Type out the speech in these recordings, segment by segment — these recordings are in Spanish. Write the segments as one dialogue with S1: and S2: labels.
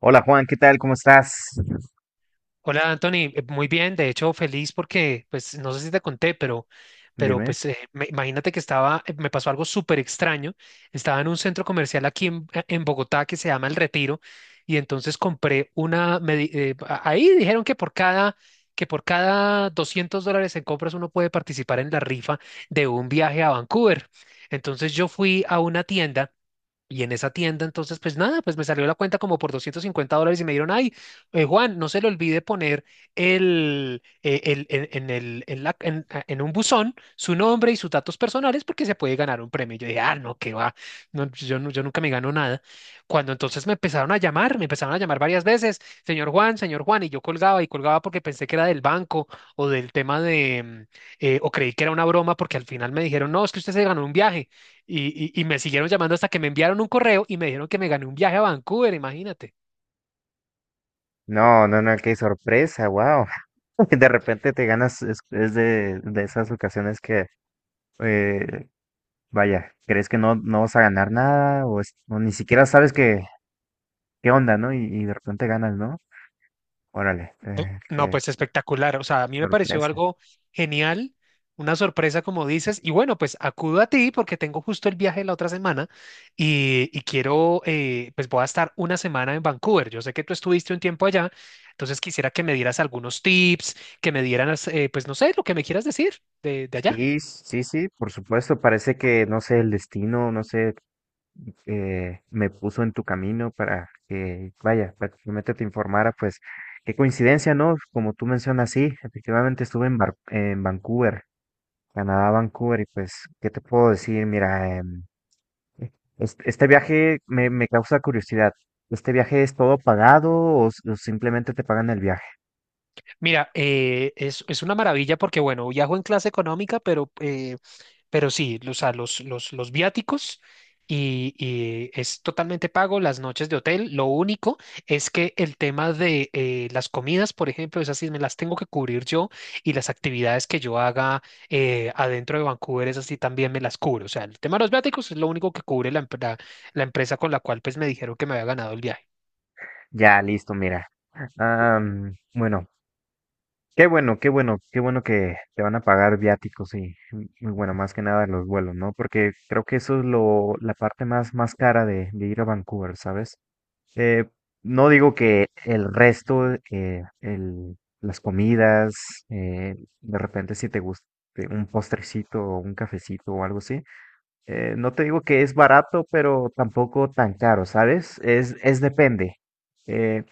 S1: Hola Juan, ¿qué tal? ¿Cómo estás?
S2: Hola Anthony, muy bien, de hecho feliz porque, pues no sé si te conté, pero, pero
S1: Dime.
S2: pues eh, me- imagínate que estaba, me pasó algo súper extraño, estaba en un centro comercial aquí en Bogotá que se llama El Retiro y entonces compré una, ahí dijeron que que por cada $200 en compras uno puede participar en la rifa de un viaje a Vancouver. Entonces yo fui a una tienda. Y en esa tienda, entonces, pues nada, pues me salió la cuenta como por $250 y me dieron, ay, Juan, no se le olvide poner el- en el, en, la- en- a- en un buzón su nombre y sus datos personales porque se puede ganar un premio. Y yo dije, ah, no, qué va, no, pues yo nunca me gano nada. Cuando entonces me empezaron a llamar, me empezaron a llamar varias veces, señor Juan, y yo colgaba y colgaba porque pensé que era del banco o del tema de, o creí que era una broma porque al final me dijeron, no, es que usted se ganó un viaje. Y me siguieron llamando hasta que me enviaron un correo y me dijeron que me gané un viaje a Vancouver, imagínate.
S1: No, no, no, qué sorpresa, wow. De repente te ganas, es de, esas ocasiones que, eh, vaya, crees que no, no vas a ganar nada o, o ni siquiera sabes qué onda, ¿no? Y de repente ganas, ¿no? Órale,
S2: No,
S1: qué
S2: pues espectacular. O sea, a mí me pareció
S1: sorpresa.
S2: algo genial, una sorpresa como dices. Y bueno, pues acudo a ti porque tengo justo el viaje la otra semana y quiero, pues voy a estar una semana en Vancouver. Yo sé que tú estuviste un tiempo allá, entonces quisiera que me dieras algunos tips, que me dieras, pues no sé, lo que me quieras decir de allá.
S1: Sí, sí, sí, por supuesto, parece que, no sé, el destino, no sé, me puso en tu camino para que, vaya, prácticamente te informara, pues qué coincidencia, ¿no? Como tú mencionas, sí, efectivamente estuve en Vancouver, Canadá, Vancouver, y pues, ¿qué te puedo decir? Mira, este viaje me, causa curiosidad. ¿Este viaje es todo pagado o, o simplemente te pagan el viaje?
S2: Mira, es una maravilla porque, bueno, viajo en clase económica, pero sí, o sea, los viáticos y es totalmente pago las noches de hotel. Lo único es que el tema de las comidas, por ejemplo, esas sí me las tengo que cubrir yo y las actividades que yo haga adentro de Vancouver, esas sí también me las cubro. O sea, el tema de los viáticos es lo único que cubre la empresa con la cual pues me dijeron que me había ganado el viaje.
S1: Ya, listo, mira. Bueno, qué bueno, qué bueno, qué bueno que te van a pagar viáticos y bueno, más que nada los vuelos, ¿no? Porque creo que eso es la parte más, más cara de ir a Vancouver, ¿sabes? Eh, no digo que el resto, las comidas, eh, de repente si te gusta un postrecito o un cafecito o algo así, no te digo que es barato, pero tampoco tan caro, ¿sabes? Es depende. Eh,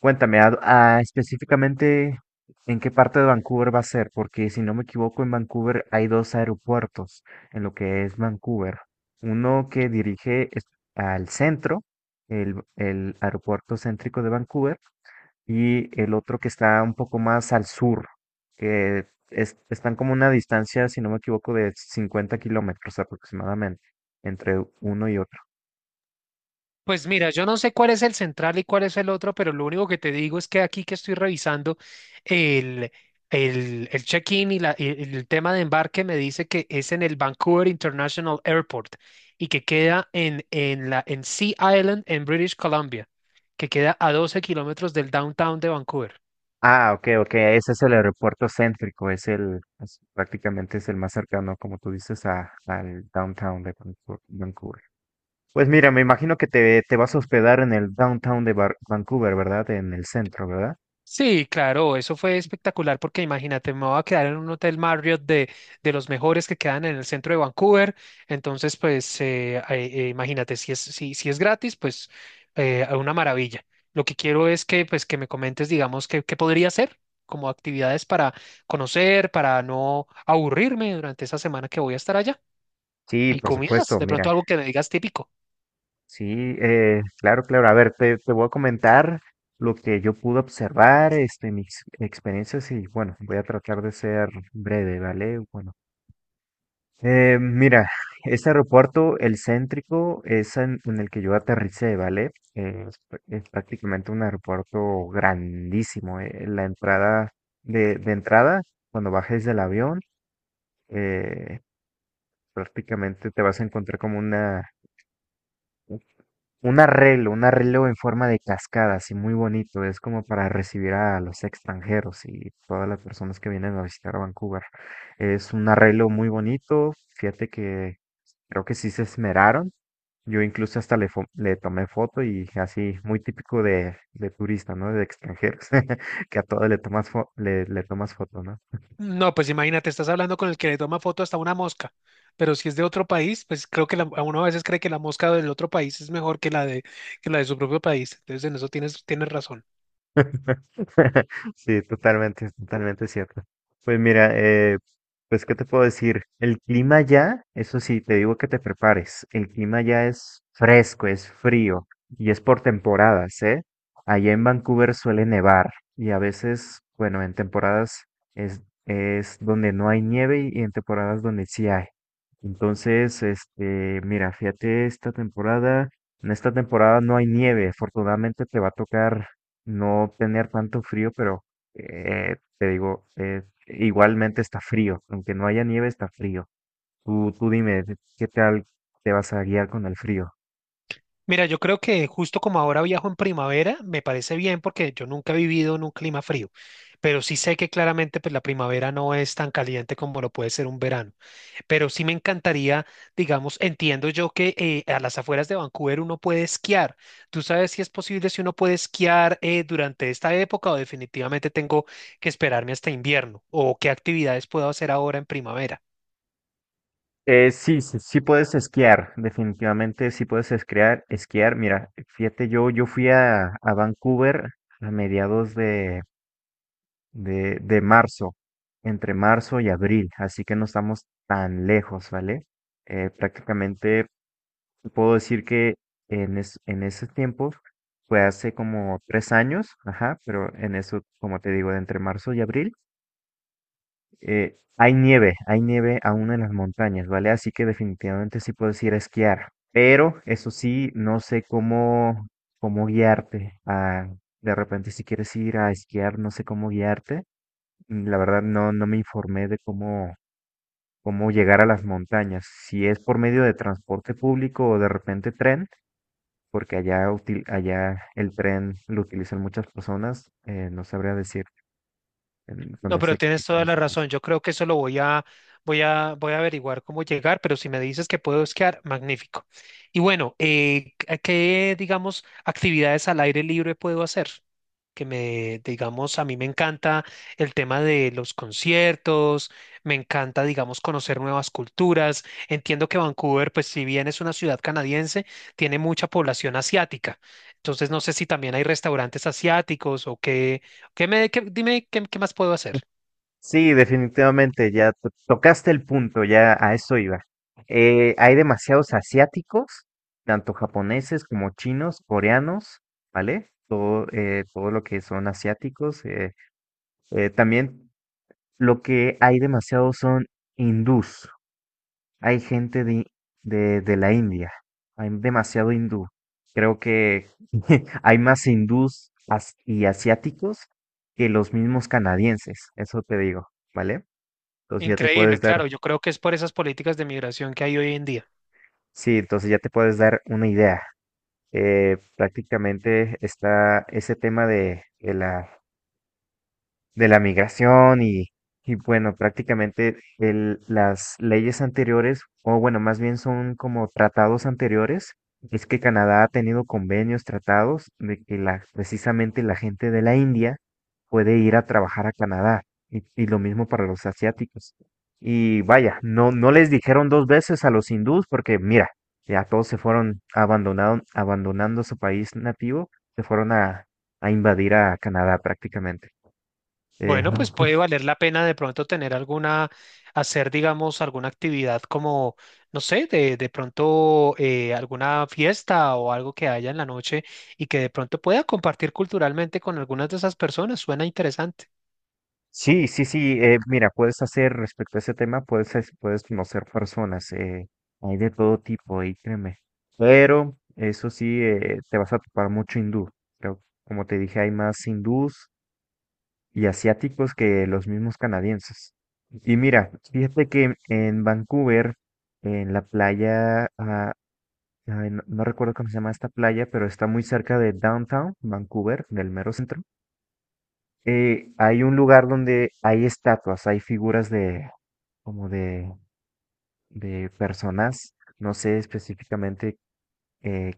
S1: Cuéntame, a específicamente en qué parte de Vancouver va a ser, porque si no me equivoco, en Vancouver hay dos aeropuertos en lo que es Vancouver. Uno que dirige al centro, el aeropuerto céntrico de Vancouver, y el otro que está un poco más al sur, están como una distancia, si no me equivoco, de 50 kilómetros aproximadamente entre uno y otro.
S2: Pues mira, yo no sé cuál es el central y cuál es el otro, pero lo único que te digo es que aquí que estoy revisando el, el check-in y el tema de embarque me dice que es en el Vancouver International Airport y que queda en Sea Island en British Columbia, que queda a 12 kilómetros del downtown de Vancouver.
S1: Ah, ok, ok, ese es el aeropuerto céntrico, prácticamente es el más cercano, como tú dices, al downtown de Vancouver. Vancouver. Pues mira, me imagino que te vas a hospedar en el downtown de Vancouver, ¿verdad? En el centro, ¿verdad?
S2: Sí, claro, eso fue espectacular porque imagínate, me voy a quedar en un hotel Marriott de los mejores que quedan en el centro de Vancouver. Entonces, pues imagínate, si es gratis, pues una maravilla. Lo que quiero es que, pues, que me comentes, digamos, qué, qué podría hacer como actividades para conocer, para no aburrirme durante esa semana que voy a estar allá.
S1: Sí,
S2: Y
S1: por
S2: comidas,
S1: supuesto,
S2: de
S1: mira,
S2: pronto algo que me digas típico.
S1: sí, claro, claro. A ver, te voy a comentar lo que yo pude observar, este, mis experiencias y bueno, voy a tratar de ser breve, ¿vale? Bueno. Mira, este aeropuerto, el céntrico, es en el que yo aterricé, ¿vale? Es prácticamente un aeropuerto grandísimo. La entrada de entrada, cuando bajes del avión, eh, prácticamente te vas a encontrar como un arreglo en forma de cascada, así muy bonito. Es como para recibir a los extranjeros y todas las personas que vienen a visitar a Vancouver. Es un arreglo muy bonito. Fíjate que creo que sí se esmeraron. Yo incluso hasta le tomé foto y así, muy típico de turista, ¿no? De extranjeros, que a todo le tomas, le tomas foto, ¿no?
S2: No, pues imagínate, estás hablando con el que le toma foto hasta una mosca, pero si es de otro país, pues creo que a uno a veces cree que la mosca del otro país es mejor que la de su propio país, entonces en eso tienes, tienes razón.
S1: Sí, totalmente, totalmente cierto. Pues mira, pues ¿qué te puedo decir? El clima ya, eso sí, te digo que te prepares. El clima ya es fresco, es frío y es por temporadas, ¿eh? Allá en Vancouver suele nevar y a veces, bueno, en temporadas es donde no hay nieve y en temporadas donde sí hay. Entonces, este, mira, fíjate esta temporada. En esta temporada no hay nieve, afortunadamente te va a tocar no tener tanto frío, pero te digo, igualmente está frío, aunque no haya nieve, está frío. Tú dime, ¿de ¿qué tal te vas a guiar con el frío?
S2: Mira, yo creo que justo como ahora viajo en primavera, me parece bien porque yo nunca he vivido en un clima frío, pero sí sé que claramente pues la primavera no es tan caliente como lo puede ser un verano. Pero sí me encantaría, digamos, entiendo yo que a las afueras de Vancouver uno puede esquiar. ¿Tú sabes si es posible, si uno puede esquiar durante esta época o definitivamente tengo que esperarme hasta invierno? ¿O qué actividades puedo hacer ahora en primavera?
S1: Sí, sí, sí puedes esquiar, definitivamente sí puedes esquiar, esquiar. Mira, fíjate, yo fui a Vancouver a mediados de marzo, entre marzo y abril, así que no estamos tan lejos, ¿vale? Prácticamente te puedo decir que en esos tiempos fue hace como 3 años, ajá, pero en eso, como te digo, entre marzo y abril, hay nieve aún en las montañas, ¿vale? Así que definitivamente sí puedes ir a esquiar, pero eso sí, no sé cómo guiarte. De repente, si quieres ir a esquiar, no sé cómo guiarte. La verdad, no, no me informé de cómo llegar a las montañas, si es por medio de transporte público o de repente tren porque allá, allá el tren lo utilizan muchas personas, no sabría decir en- con
S2: No, pero
S1: ese,
S2: tienes
S1: con
S2: toda la
S1: ese
S2: razón.
S1: caso.
S2: Yo creo que eso lo voy a averiguar cómo llegar, pero si me dices que puedo esquiar, magnífico. Y bueno, ¿a ¿qué, digamos, actividades al aire libre puedo hacer? Que me, digamos, a mí me encanta el tema de los conciertos, me encanta, digamos, conocer nuevas culturas. Entiendo que Vancouver, pues si bien es una ciudad canadiense, tiene mucha población asiática. Entonces, no sé si también hay restaurantes asiáticos o qué, dime qué qué más puedo hacer.
S1: Sí, definitivamente, ya tocaste el punto, ya a eso iba. Hay demasiados asiáticos, tanto japoneses como chinos, coreanos, ¿vale? Todo lo que son asiáticos. También lo que hay demasiado son hindús. Hay gente de, la India, hay demasiado hindú. Creo que hay más hindús y asiáticos que los mismos canadienses, eso te digo, ¿vale? Entonces ya te
S2: Increíble,
S1: puedes dar.
S2: claro, yo creo que es por esas políticas de migración que hay hoy en día.
S1: Sí, entonces ya te puedes dar una idea. Prácticamente está ese tema de, de la migración y, bueno, prácticamente las leyes anteriores, o bueno, más bien son como tratados anteriores, es que Canadá ha tenido convenios, tratados de que precisamente la gente de la India puede ir a trabajar a Canadá y lo mismo para los asiáticos. Y vaya, no, no les dijeron dos veces a los hindús porque mira, ya todos se fueron abandonando su país nativo, se fueron a invadir a Canadá prácticamente. Eh,
S2: Bueno, pues puede valer la pena de pronto tener alguna, hacer, digamos, alguna actividad como, no sé, de pronto alguna fiesta o algo que haya en la noche y que de pronto pueda compartir culturalmente con algunas de esas personas. Suena interesante.
S1: Sí, sí, sí. Mira, puedes hacer respecto a ese tema, puedes conocer personas, hay de todo tipo, y créeme. Pero eso sí, te vas a topar mucho hindú. Pero como te dije, hay más hindús y asiáticos que los mismos canadienses. Y mira, fíjate que en Vancouver, en la playa, ay, no, no recuerdo cómo se llama esta playa, pero está muy cerca de downtown, Vancouver, del mero centro. Hay un lugar donde hay estatuas, hay figuras de como de, personas. No sé específicamente eh,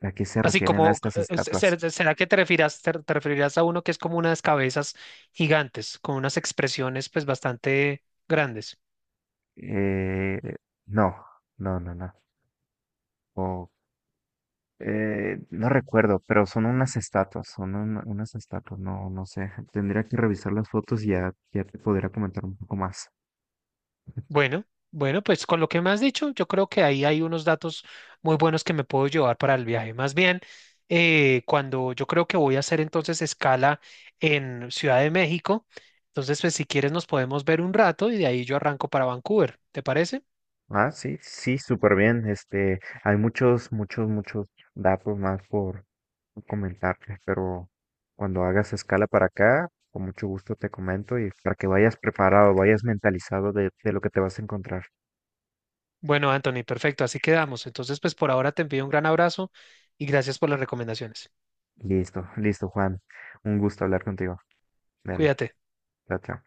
S1: a qué se
S2: Así
S1: refieren a
S2: como,
S1: estas estatuas.
S2: ¿será que te referirás, te referirás a uno que es como unas cabezas gigantes, con unas expresiones pues bastante grandes?
S1: Eh, no, no, no, no. O, no recuerdo, pero son unas estatuas, son unas estatuas, no, no sé. Tendría que revisar las fotos y ya te podría comentar un poco más.
S2: Bueno, bueno, pues con lo que me has dicho, yo creo que ahí hay unos datos muy buenos que me puedo llevar para el viaje. Más bien, cuando yo creo que voy a hacer entonces escala en Ciudad de México, entonces pues si quieres nos podemos ver un rato y de ahí yo arranco para Vancouver, ¿te parece?
S1: Ah, sí, sí, súper bien. Este, hay muchos, muchos, muchos datos más por comentarte, pero cuando hagas escala para acá, con mucho gusto te comento y para que vayas preparado, vayas mentalizado de lo que te vas a encontrar.
S2: Bueno, Anthony, perfecto, así quedamos. Entonces pues por ahora te envío un gran abrazo y gracias por las recomendaciones.
S1: Listo, listo, Juan. Un gusto hablar contigo. Dale,
S2: Cuídate.
S1: chao, chao.